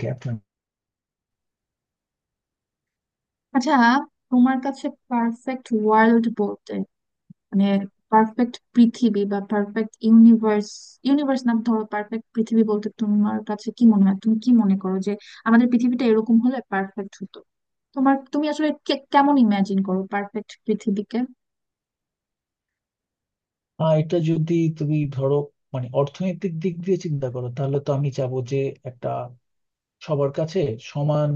Gap. আচ্ছা, তোমার কাছে পারফেক্ট ওয়ার্ল্ড বলতে মানে পারফেক্ট পৃথিবী বা পারফেক্ট ইউনিভার্স। ইউনিভার্স না, ধরো পারফেক্ট পৃথিবী বলতে তোমার কাছে কি মনে হয়? তুমি কি মনে করো যে আমাদের পৃথিবীটা এরকম হলে পারফেক্ট হতো? তুমি আসলে কেমন ইমাজিন করো পারফেক্ট পৃথিবীকে? আর এটা যদি তুমি ধরো মানে অর্থনৈতিক দিক দিয়ে চিন্তা করো, তাহলে তো আমি চাবো যে একটা সবার কাছে সমান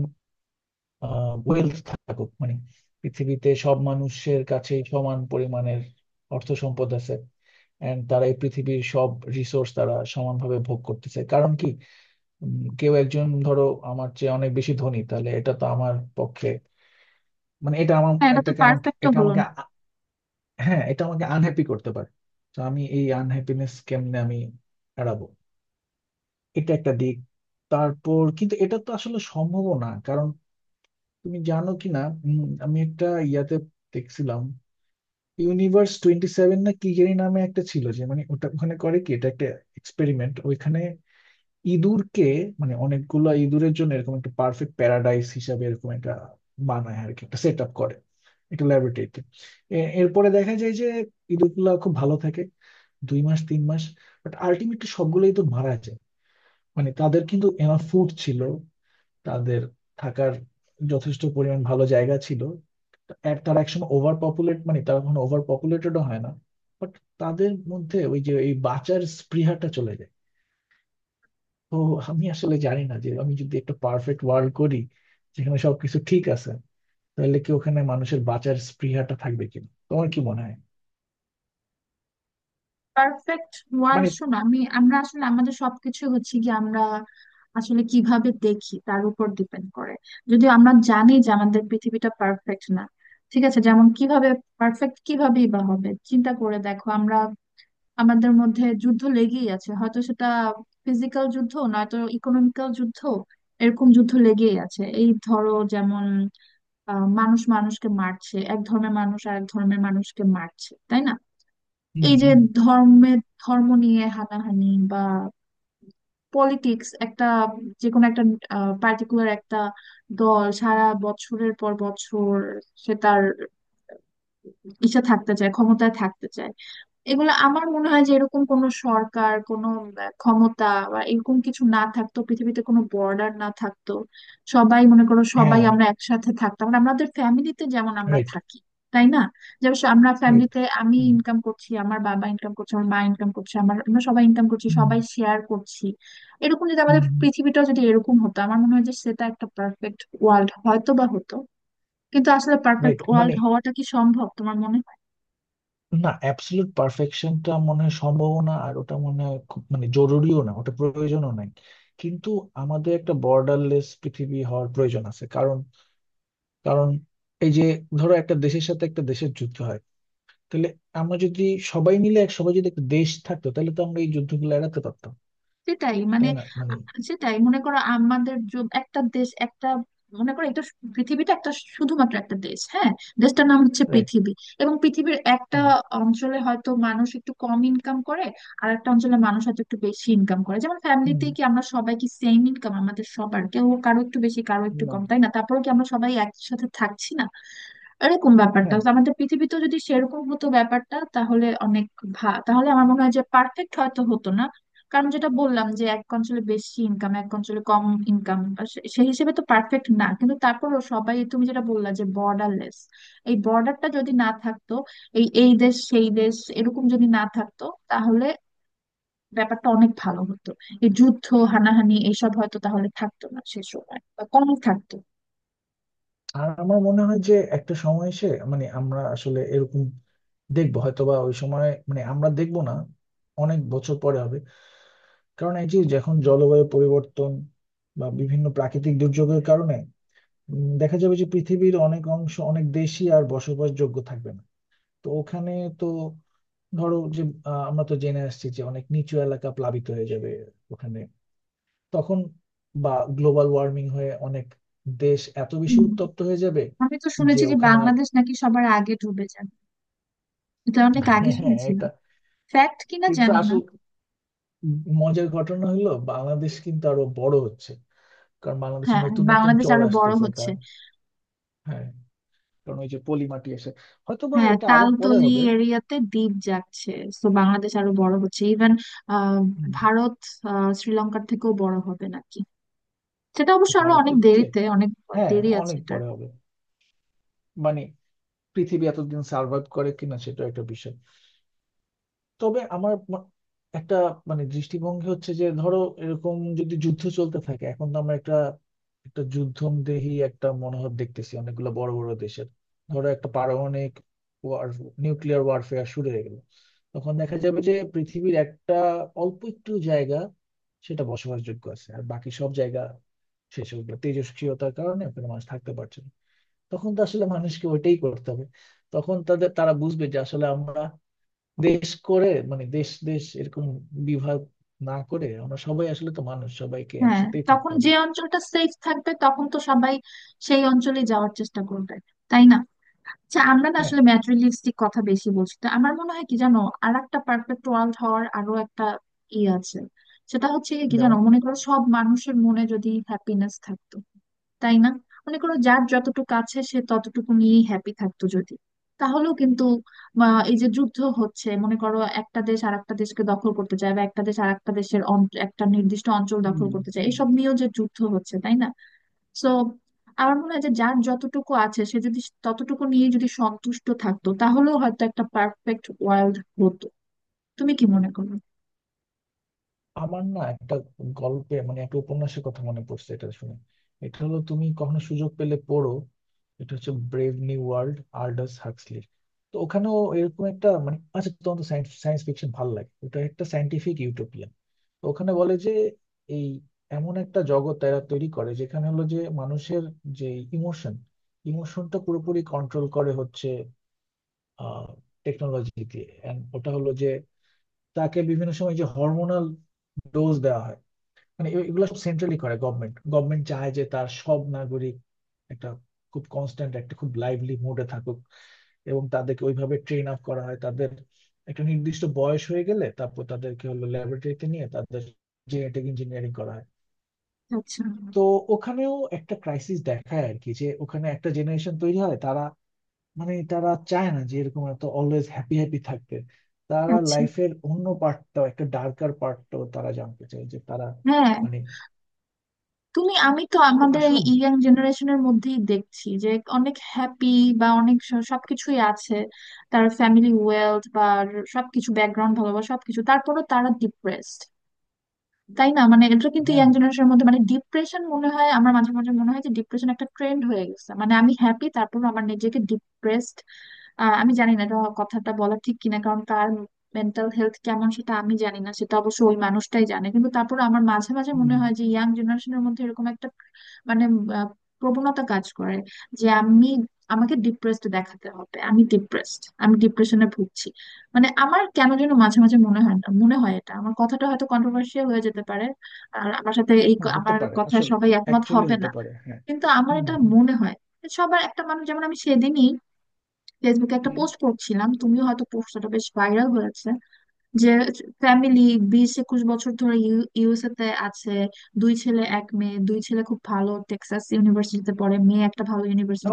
ওয়েলথ থাকুক, মানে পৃথিবীতে সব মানুষের কাছেই সমান পরিমাণের অর্থ সম্পদ আছে এন্ড তারা এই পৃথিবীর সব রিসোর্স তারা সমানভাবে ভোগ করতেছে। কারণ কি, কেউ একজন ধরো আমার চেয়ে অনেক বেশি ধনী, তাহলে এটা তো আমার পক্ষে মানে এটা আমার হ্যাঁ, এটা তো এটাকে আমাকে পারফেক্ট এটা হলো আমাকে না। হ্যাঁ, এটা আমাকে আনহ্যাপি করতে পারে। তো আমি এই আনহ্যাপিনেস কেমনে আমি এড়াবো, এটা একটা দিক। তারপর কিন্তু এটা তো আসলে সম্ভব না, কারণ তুমি জানো কি না, আমি একটা ইয়াতে দেখছিলাম ইউনিভার্স 27 না কি জানি নামে একটা ছিল, যে মানে ওটা ওখানে করে কি, এটা একটা এক্সপেরিমেন্ট। ওইখানে ইঁদুরকে মানে অনেকগুলা ইঁদুরের জন্য এরকম একটা পারফেক্ট প্যারাডাইস হিসাবে এরকম একটা বানায় আর কি, একটা সেট আপ করে একটা ল্যাবরেটরিতে। এরপরে দেখা যায় যে ইঁদুরগুলা খুব ভালো থাকে 2 মাস 3 মাস, বাট আলটিমেটলি সবগুলোই তো মারা যায়। মানে তাদের কিন্তু এনাফ ফুড ছিল, তাদের থাকার যথেষ্ট পরিমাণ ভালো জায়গা ছিল, এক তারা একসময় ওভার পপুলেট মানে তারা কখনো ওভার পপুলেটেডও হয় না, বাট তাদের মধ্যে ওই যে এই বাঁচার স্পৃহাটা চলে যায়। তো আমি আসলে জানি না যে আমি যদি একটা পারফেক্ট ওয়ার্ল্ড করি যেখানে সবকিছু ঠিক আছে, তাহলে কি ওখানে মানুষের বাঁচার স্পৃহাটা থাকবে কিনা, তোমার কি মনে হয়? পারফেক্ট ওয়ার্ল্ড মানে শো না, আমরা আসলে আমাদের সবকিছু হচ্ছে কি, আমরা আসলে কিভাবে দেখি তার উপর ডিপেন্ড করে। যদিও আমরা জানি যে আমাদের পৃথিবীটা পারফেক্ট না। ঠিক আছে, যেমন কিভাবে পারফেক্ট কিভাবেই বা হবে, চিন্তা করে দেখো আমরা, আমাদের মধ্যে যুদ্ধ লেগেই আছে, হয়তো সেটা ফিজিক্যাল যুদ্ধ নয়তো ইকোনমিক্যাল যুদ্ধ। এরকম যুদ্ধ লেগেই আছে, এই ধরো যেমন মানুষ মানুষকে মারছে, এক ধর্মের মানুষ আর এক ধর্মের মানুষকে মারছে, তাই না? হুম, এই যে হুম, ধর্মে ধর্ম নিয়ে হানাহানি, বা পলিটিক্স, একটা যে কোনো একটা পার্টিকুলার একটা দল সারা বছরের পর বছর সে তার ইচ্ছা থাকতে চায়, ক্ষমতায় থাকতে চায়। এগুলো আমার মনে হয় যে এরকম কোনো সরকার, কোনো ক্ষমতা বা এরকম কিছু না থাকতো, পৃথিবীতে কোনো বর্ডার না থাকতো, সবাই মনে করো সবাই হ্যাঁ। আমরা একসাথে থাকতাম, মানে আমাদের ফ্যামিলিতে যেমন আমরা রাইট, থাকি, তাই না? যেমন আমরা রাইট। ফ্যামিলিতে আমি হুম, ইনকাম করছি, আমার বাবা ইনকাম করছে, আমার মা ইনকাম করছে, আমরা সবাই ইনকাম করছি, হুম। সবাই শেয়ার করছি। এরকম যদি আমাদের পৃথিবীটাও যদি এরকম হতো, আমার মনে হয় যে সেটা একটা পারফেক্ট ওয়ার্ল্ড হয়তো বা হতো। কিন্তু আসলে পারফেক্ট রাইট, ওয়ার্ল্ড মানে হওয়াটা কি সম্ভব তোমার মনে হয়? না, অ্যাবসলিউট পারফেকশনটা মনে হয় সম্ভবও না, আর ওটা মনে হয় খুব মানে জরুরিও না, ওটা প্রয়োজনও নাই। কিন্তু আমাদের একটা বর্ডারলেস পৃথিবী হওয়ার প্রয়োজন আছে, কারণ কারণ এই যে ধরো একটা দেশের সাথে একটা দেশের যুদ্ধ হয়, তাহলে আমরা যদি সবাই মিলে এক সবাই যদি একটা দেশ থাকতো, তাহলে তো আমরা এই যুদ্ধগুলো এড়াতে পারতাম, সেটাই মানে তাই না? মানে সেটাই মনে করো আমাদের একটা দেশ, একটা মনে করো এটা পৃথিবীটা একটা শুধুমাত্র একটা দেশ, হ্যাঁ, দেশটার নাম হচ্ছে রাইট। পৃথিবী। এবং পৃথিবীর একটা হুম, অঞ্চলে হয়তো মানুষ একটু কম ইনকাম করে, আর একটা অঞ্চলে মানুষ হয়তো একটু বেশি ইনকাম করে। যেমন ফ্যামিলিতে হুম। কি আমরা সবাই কি সেম ইনকাম? আমাদের সবার কেউ কারো একটু বেশি, কারো একটু না, কম, তাই না? তারপরেও কি আমরা সবাই একসাথে থাকছি না? এরকম ব্যাপারটা হ্যাঁ। তো আমাদের পৃথিবীতে যদি সেরকম হতো ব্যাপারটা, তাহলে অনেক তাহলে আমার মনে হয় যে পারফেক্ট হয়তো হতো না, কারণ যেটা বললাম যে এক অঞ্চলে বেশি ইনকাম, এক অঞ্চলে কম ইনকাম, সেই হিসেবে তো পারফেক্ট না। কিন্তু তারপরও সবাই, তুমি যেটা বললা যে বর্ডারলেস, এই বর্ডারটা যদি না থাকতো, এই এই দেশ সেই দেশ এরকম যদি না থাকতো, তাহলে ব্যাপারটা অনেক ভালো হতো। এই যুদ্ধ, হানাহানি এইসব হয়তো তাহলে থাকতো না সে সময়, বা কম থাকতো। আর আমার মনে হয় যে একটা সময় এসে মানে আমরা আসলে এরকম দেখবো, হয়তো বা ওই সময় মানে আমরা দেখবো না, অনেক বছর পরে হবে। কারণ এই যে যখন জলবায়ু পরিবর্তন বা বিভিন্ন প্রাকৃতিক দুর্যোগের কারণে দেখা যাবে যে পৃথিবীর অনেক অংশ অনেক দেশই আর বসবাসযোগ্য থাকবে না। তো ওখানে তো ধরো যে আমরা তো জেনে আসছি যে অনেক নিচু এলাকা প্লাবিত হয়ে যাবে, ওখানে তখন বা গ্লোবাল ওয়ার্মিং হয়ে অনেক দেশ এত বেশি হুম, উত্তপ্ত হয়ে যাবে আমি তো যে শুনেছি যে ওখানে। বাংলাদেশ নাকি সবার আগে ডুবে যায়, এটা অনেক আগে হ্যাঁ হ্যাঁ, শুনেছিলাম, এটা ফ্যাক্ট কিনা কিন্তু জানি না। আসল মজার ঘটনা হলো বাংলাদেশ কিন্তু আরো বড় হচ্ছে, কারণ বাংলাদেশে হ্যাঁ, নতুন নতুন বাংলাদেশ চর আরো বড় আসতেছে হচ্ছে। কারণ হ্যাঁ কারণ ওই যে পলি মাটি এসে, হয়তো বা হ্যাঁ, এটা আরো পরে তালতলি হবে। এরিয়াতে দ্বীপ যাচ্ছে, তো বাংলাদেশ আরো বড় হচ্ছে, ইভেন উম, ভারত, শ্রীলঙ্কার থেকেও বড় হবে নাকি। সেটা অবশ্য আরো অনেক ভারতের চেয়ে দেরিতে, অনেক হ্যাঁ, দেরি আছে অনেক এটার। পরে হবে মানে পৃথিবী এতদিন সার্ভাইভ করে কিনা সেটা একটা বিষয়। তবে আমার একটা মানে দৃষ্টিভঙ্গি হচ্ছে যে ধরো এরকম যদি যুদ্ধ চলতে থাকে, এখন তো আমরা একটা একটা যুদ্ধমদেহী একটা মনোভাব দেখতেছি অনেকগুলো বড় বড় দেশের। ধরো একটা পারমাণবিক ওয়ার, নিউক্লিয়ার ওয়ারফেয়ার শুরু হয়ে গেল, তখন দেখা যাবে যে পৃথিবীর একটা অল্প একটু জায়গা সেটা বসবাসযোগ্য আছে আর বাকি সব জায়গা শেষ হয়ে গেল, তেজস্ক্রিয়তার কারণে ওখানে মানুষ থাকতে পারছে না। তখন তো আসলে মানুষকে ওইটাই করতে হবে, তখন তাদের তারা বুঝবে যে আসলে আমরা দেশ করে মানে দেশ দেশ এরকম বিভাগ না করে আমরা সবাই আসলে তো মানুষ, সবাইকে হ্যাঁ, একসাথেই থাকতে তখন হবে। যে অঞ্চলটা সেফ থাকবে তখন তো সবাই সেই অঞ্চলে যাওয়ার চেষ্টা করবে, তাই না? আচ্ছা, আমরা না হ্যাঁ, আসলে ম্যাটেরিয়ালিস্টিক কথা বেশি বলছি, তো আমার মনে হয় কি জানো, আর একটা পারফেক্ট ওয়ার্ল্ড হওয়ার আরো একটা আছে। সেটা হচ্ছে কি জানো, যেমন মনে করো সব মানুষের মনে যদি হ্যাপিনেস থাকতো, তাই না? মনে করো যার যতটুকু আছে সে ততটুকু নিয়েই হ্যাপি থাকতো যদি, তাহলেও কিন্তু এই যে যুদ্ধ হচ্ছে, মনে করো একটা দেশ আর একটা দেশকে দখল করতে চায়, বা একটা দেশ আর একটা দেশের একটা নির্দিষ্ট অঞ্চল হুম। দখল করতে চায়, এসব নিয়েও যে যুদ্ধ হচ্ছে, তাই না? সো আমার মনে হয় যে যার যতটুকু আছে সে যদি ততটুকু নিয়ে যদি সন্তুষ্ট থাকতো, তাহলেও হয়তো একটা পারফেক্ট ওয়ার্ল্ড হতো। তুমি কি মনে করো? আমার না একটা গল্পে মানে একটা উপন্যাসের কথা মনে পড়ছে এটা শুনে। এটা হলো, তুমি কখনো সুযোগ পেলে পড়ো, এটা হচ্ছে ব্রেভ নিউ ওয়ার্ল্ড, আল্ডাস হাক্সলির। তো ওখানেও এরকম একটা মানে, আচ্ছা তোমার তো সায়েন্স ফিকশন ভালো লাগে, ওটা একটা সায়েন্টিফিক ইউটোপিয়ান। তো ওখানে বলে যে এই এমন একটা জগৎ এরা তৈরি করে যেখানে হলো যে মানুষের যে ইমোশন ইমোশনটা পুরোপুরি কন্ট্রোল করে হচ্ছে আহ টেকনোলজি দিয়ে। And ওটা হলো যে তাকে বিভিন্ন সময় যে হরমোনাল ডোজ দেওয়া হয় মানে এগুলো সব সেন্ট্রালি করে গভর্নমেন্ট, গভর্নমেন্ট চায় যে তার সব নাগরিক একটা খুব কনস্ট্যান্ট একটা খুব লাইভলি মুডে থাকুক। এবং তাদেরকে ওইভাবে ট্রেন আপ করা হয়, তাদের একটা নির্দিষ্ট বয়স হয়ে গেলে তারপর তাদেরকে হলো ল্যাবরেটরিতে নিয়ে তাদের জেনেটিক ইঞ্জিনিয়ারিং করা হয়। আচ্ছা। তো ওখানেও একটা ক্রাইসিস দেখায় আর কি, যে ওখানে একটা জেনারেশন তৈরি হয় তারা মানে তারা চায় না যে এরকম এত অলওয়েজ হ্যাপি হ্যাপি থাকতে, তারা আচ্ছা। লাইফের অন্য পার্টটাও একটা ডার্কার পার্টটাও তারা জানতে চায় যে তারা হ্যাঁ। মানে। আমি তো তো আমাদের এই আসলে ইয়াং জেনারেশনের মধ্যেই দেখছি যে অনেক হ্যাপি, বা অনেক সবকিছুই আছে, তার ফ্যামিলি ওয়েলথ বা সবকিছু, ব্যাকগ্রাউন্ড ভালো বা সবকিছু, তারপরও তারা ডিপ্রেসড, তাই না? মানে এটা কিন্তু হ্যাঁ, ইয়াং জেনারেশনের মধ্যে, মানে ডিপ্রেশন মনে হয়, আমার মাঝে মাঝে মনে হয় যে ডিপ্রেশন একটা ট্রেন্ড হয়ে গেছে, মানে আমি হ্যাপি, তারপর আমার নিজেকে ডিপ্রেসড। আমি জানি না এটা কথাটা বলা ঠিক কিনা, কারণ তার মেন্টাল হেলথ কেমন সেটা আমি জানি না, সেটা অবশ্য ওই মানুষটাই জানে। কিন্তু তারপর আমার মাঝে মাঝে হুম, মনে হয় যে ইয়াং জেনারেশনের মধ্যে এরকম একটা মানে আহ, প্রবণতা কাজ করে যে আমি আমাকে ডিপ্রেসড দেখাতে হবে, আমি ডিপ্রেসড, আমি ডিপ্রেশনে ভুগছি। মানে আমার কেন যেন মাঝে মাঝে মনে হয় না, মনে হয় এটা, আমার কথাটা হয়তো কন্ট্রোভার্সিয়াল হয়ে যেতে পারে, আর আমার সাথে এই হতে আমার পারে কথা আসলে, সবাই একমত অ্যাকচুয়ালি হবে হতে না। পারে, হ্যাঁ। কিন্তু আমার হুম, এটা হুম, মনে হয়, সবার একটা মানুষ, যেমন আমি সেদিনই ফেসবুকে একটা হুম। পোস্ট করছিলাম, তুমিও হয়তো, পোস্টটা বেশ ভাইরাল হয়েছে, যে ফ্যামিলি 20-21 বছর ধরে ইউএসএ তে আছে, দুই ছেলে এক মেয়ে, দুই ছেলে খুব ভালো টেক্সাস ইউনিভার্সিটিতে পড়ে, মেয়ে একটা ভালো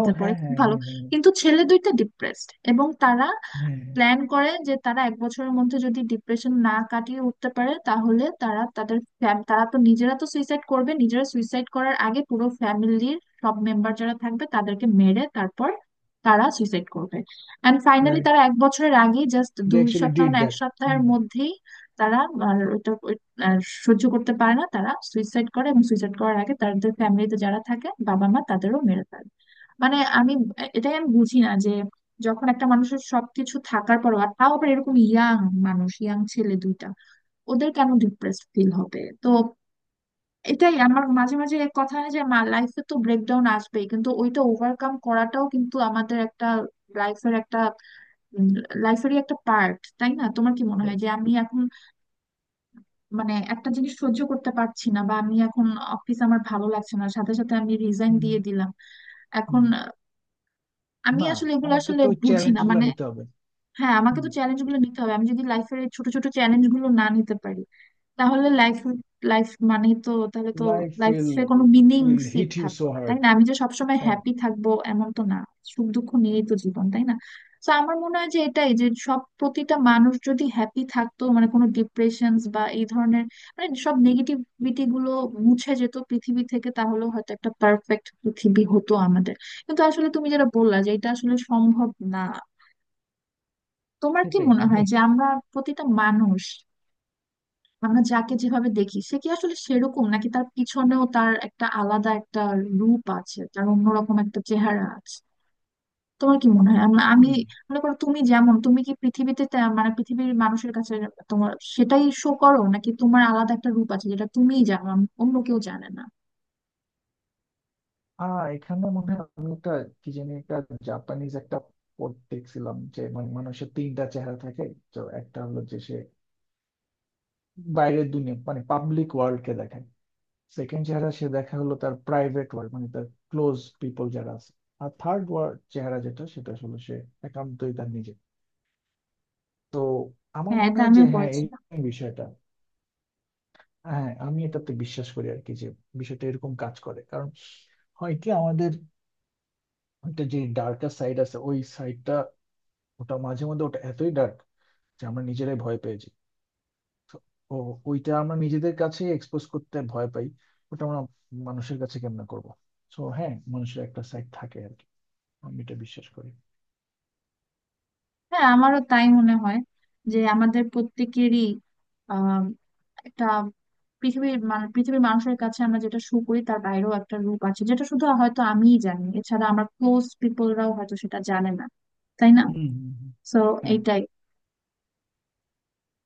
ও পড়ে, হ্যাঁ, খুব হ্যাঁ, ভালো। হ্যাঁ, হ্যাঁ, কিন্তু ছেলে দুইটা ডিপ্রেসড, এবং তারা হ্যাঁ। প্ল্যান করে যে তারা 1 বছরের মধ্যে যদি ডিপ্রেশন না কাটিয়ে উঠতে পারে তাহলে তারা তাদের তারা তো নিজেরা তো সুইসাইড করবে, নিজেরা সুইসাইড করার আগে পুরো ফ্যামিলির সব মেম্বার যারা থাকবে তাদেরকে মেরে তারপর তারা সুইসাইড করবে। এন্ড ফাইনালি রাইট, তারা 1 বছরের আগেই জাস্ট দে দুই অ্যাকচুয়ালি সপ্তাহ ডিড না এক দ্যাট। সপ্তাহের হুম। মধ্যেই তারা, আর আর সহ্য করতে পারে না, তারা সুইসাইড করে, এবং সুইসাইড করার আগে তাদের ফ্যামিলিতে যারা থাকে বাবা মা তাদেরও মেরে ফেলে। মানে আমি এটাই আমি বুঝি না যে যখন একটা মানুষের সবকিছু থাকার পরও, আর তাও আবার এরকম ইয়াং মানুষ, ইয়াং ছেলে দুইটা, ওদের কেন ডিপ্রেসড ফিল হবে? তো এটাই আমার মাঝে মাঝে এক কথা হয় যে লাইফে তো ব্রেকডাউন আসবেই, কিন্তু ওইটা ওভারকাম করাটাও কিন্তু আমাদের একটা লাইফের একটা লাইফেরই একটা পার্ট, তাই না? তোমার কি মনে হয় Right. যে আমি এখন মানে একটা জিনিস সহ্য করতে পারছি না, বা আমি এখন অফিস আমার ভালো লাগছে না, সাথে সাথে আমি রিজাইন হুম, দিয়ে দিলাম এখন, হুম। আমি না, আসলে এগুলো আমাকে আসলে তো বুঝি চ্যালেঞ্জ না গুলো মানে। নিতে হবে। হ্যাঁ, আমাকে হুম। তো চ্যালেঞ্জ গুলো নিতে হবে, আমি যদি লাইফের এই ছোট ছোট চ্যালেঞ্জ গুলো না নিতে পারি তাহলে লাইফ লাইফ মানে তো তাহলে তো লাইফ উইল লাইফে কোনো meaning will sit hit you থাকবে সো না, তাই হার্ড। না? আমি যে সবসময় তাই না? হ্যাপি থাকবো এমন তো না, সুখ দুঃখ নিয়েই তো জীবন, তাই না? তো আমার মনে হয় যে এটাই, যে সব প্রতিটা মানুষ যদি হ্যাপি থাকতো, মানে কোনো ডিপ্রেশন বা এই ধরনের মানে সব নেগেটিভিটি গুলো মুছে যেত পৃথিবী থেকে, তাহলে হয়তো একটা পারফেক্ট পৃথিবী হতো আমাদের। কিন্তু আসলে তুমি যেটা বললা যে এটা আসলে সম্ভব না। তোমার কি সেটাই মনে মানে হয় যে আমরা প্রতিটা মানুষ, আমরা যাকে যেভাবে দেখি সে কি আসলে সেরকম, নাকি তার পিছনেও তার একটা আলাদা একটা রূপ আছে, তার অন্যরকম একটা চেহারা আছে? তোমার কি মনে হয়? আম- আমি হুম। মনে করো তুমি যেমন, তুমি কি পৃথিবীতে মানে পৃথিবীর মানুষের কাছে তোমার সেটাই শো করো, নাকি তোমার আলাদা একটা রূপ আছে যেটা তুমিই জানো, অন্য কেউ জানে না? এখানে মনে হয় আমি একটা কি জানি একটা জাপানিজ একটা পদ দেখছিলাম যে মানে মানুষের তিনটা চেহারা থাকে। তো একটা হলো যে সে বাইরের দুনিয়া মানে পাবলিক ওয়ার্ল্ড কে দেখায়, সেকেন্ড চেহারা সে দেখা হলো তার প্রাইভেট ওয়ার্ল্ড মানে তার ক্লোজ পিপল যারা আছে, আর থার্ড ওয়ার্ল্ড চেহারা যেটা সেটা আসলে সে একান্তই তার নিজে। তো আমার হ্যাঁ, মনে এটা হয় যে আমিও হ্যাঁ পড়েছি। এই বিষয়টা হ্যাঁ, আমি এটাতে বিশ্বাস করি আর কি, যে বিষয়টা এরকম কাজ করে। কারণ হয় কি আমাদের একটা যে ডার্কার সাইড আছে, ওই সাইডটা ওটা মাঝে মধ্যে এতই ডার্ক যে আমরা নিজেরাই ভয় পেয়ে যাই। তো ও ওইটা আমরা নিজেদের কাছে এক্সপোজ করতে ভয় পাই, ওটা আমরা মানুষের কাছে কেমনে করবো। তো হ্যাঁ, মানুষের একটা সাইড থাকে আর কি। আমি এটা বিশ্বাস করি। হ্যাঁ, আমারও তাই মনে হয়, যে আমাদের প্রত্যেকেরই আহ একটা পৃথিবীর মানুষের কাছে আমরা যেটা শো করি তার বাইরেও একটা রূপ আছে, যেটা শুধু হয়তো আমিই জানি, এছাড়া আমার ক্লোজ পিপলরাও হয়তো সেটা জানে না, তাই না? হুম, হুম, হুম, সো হ্যাঁ। এইটাই।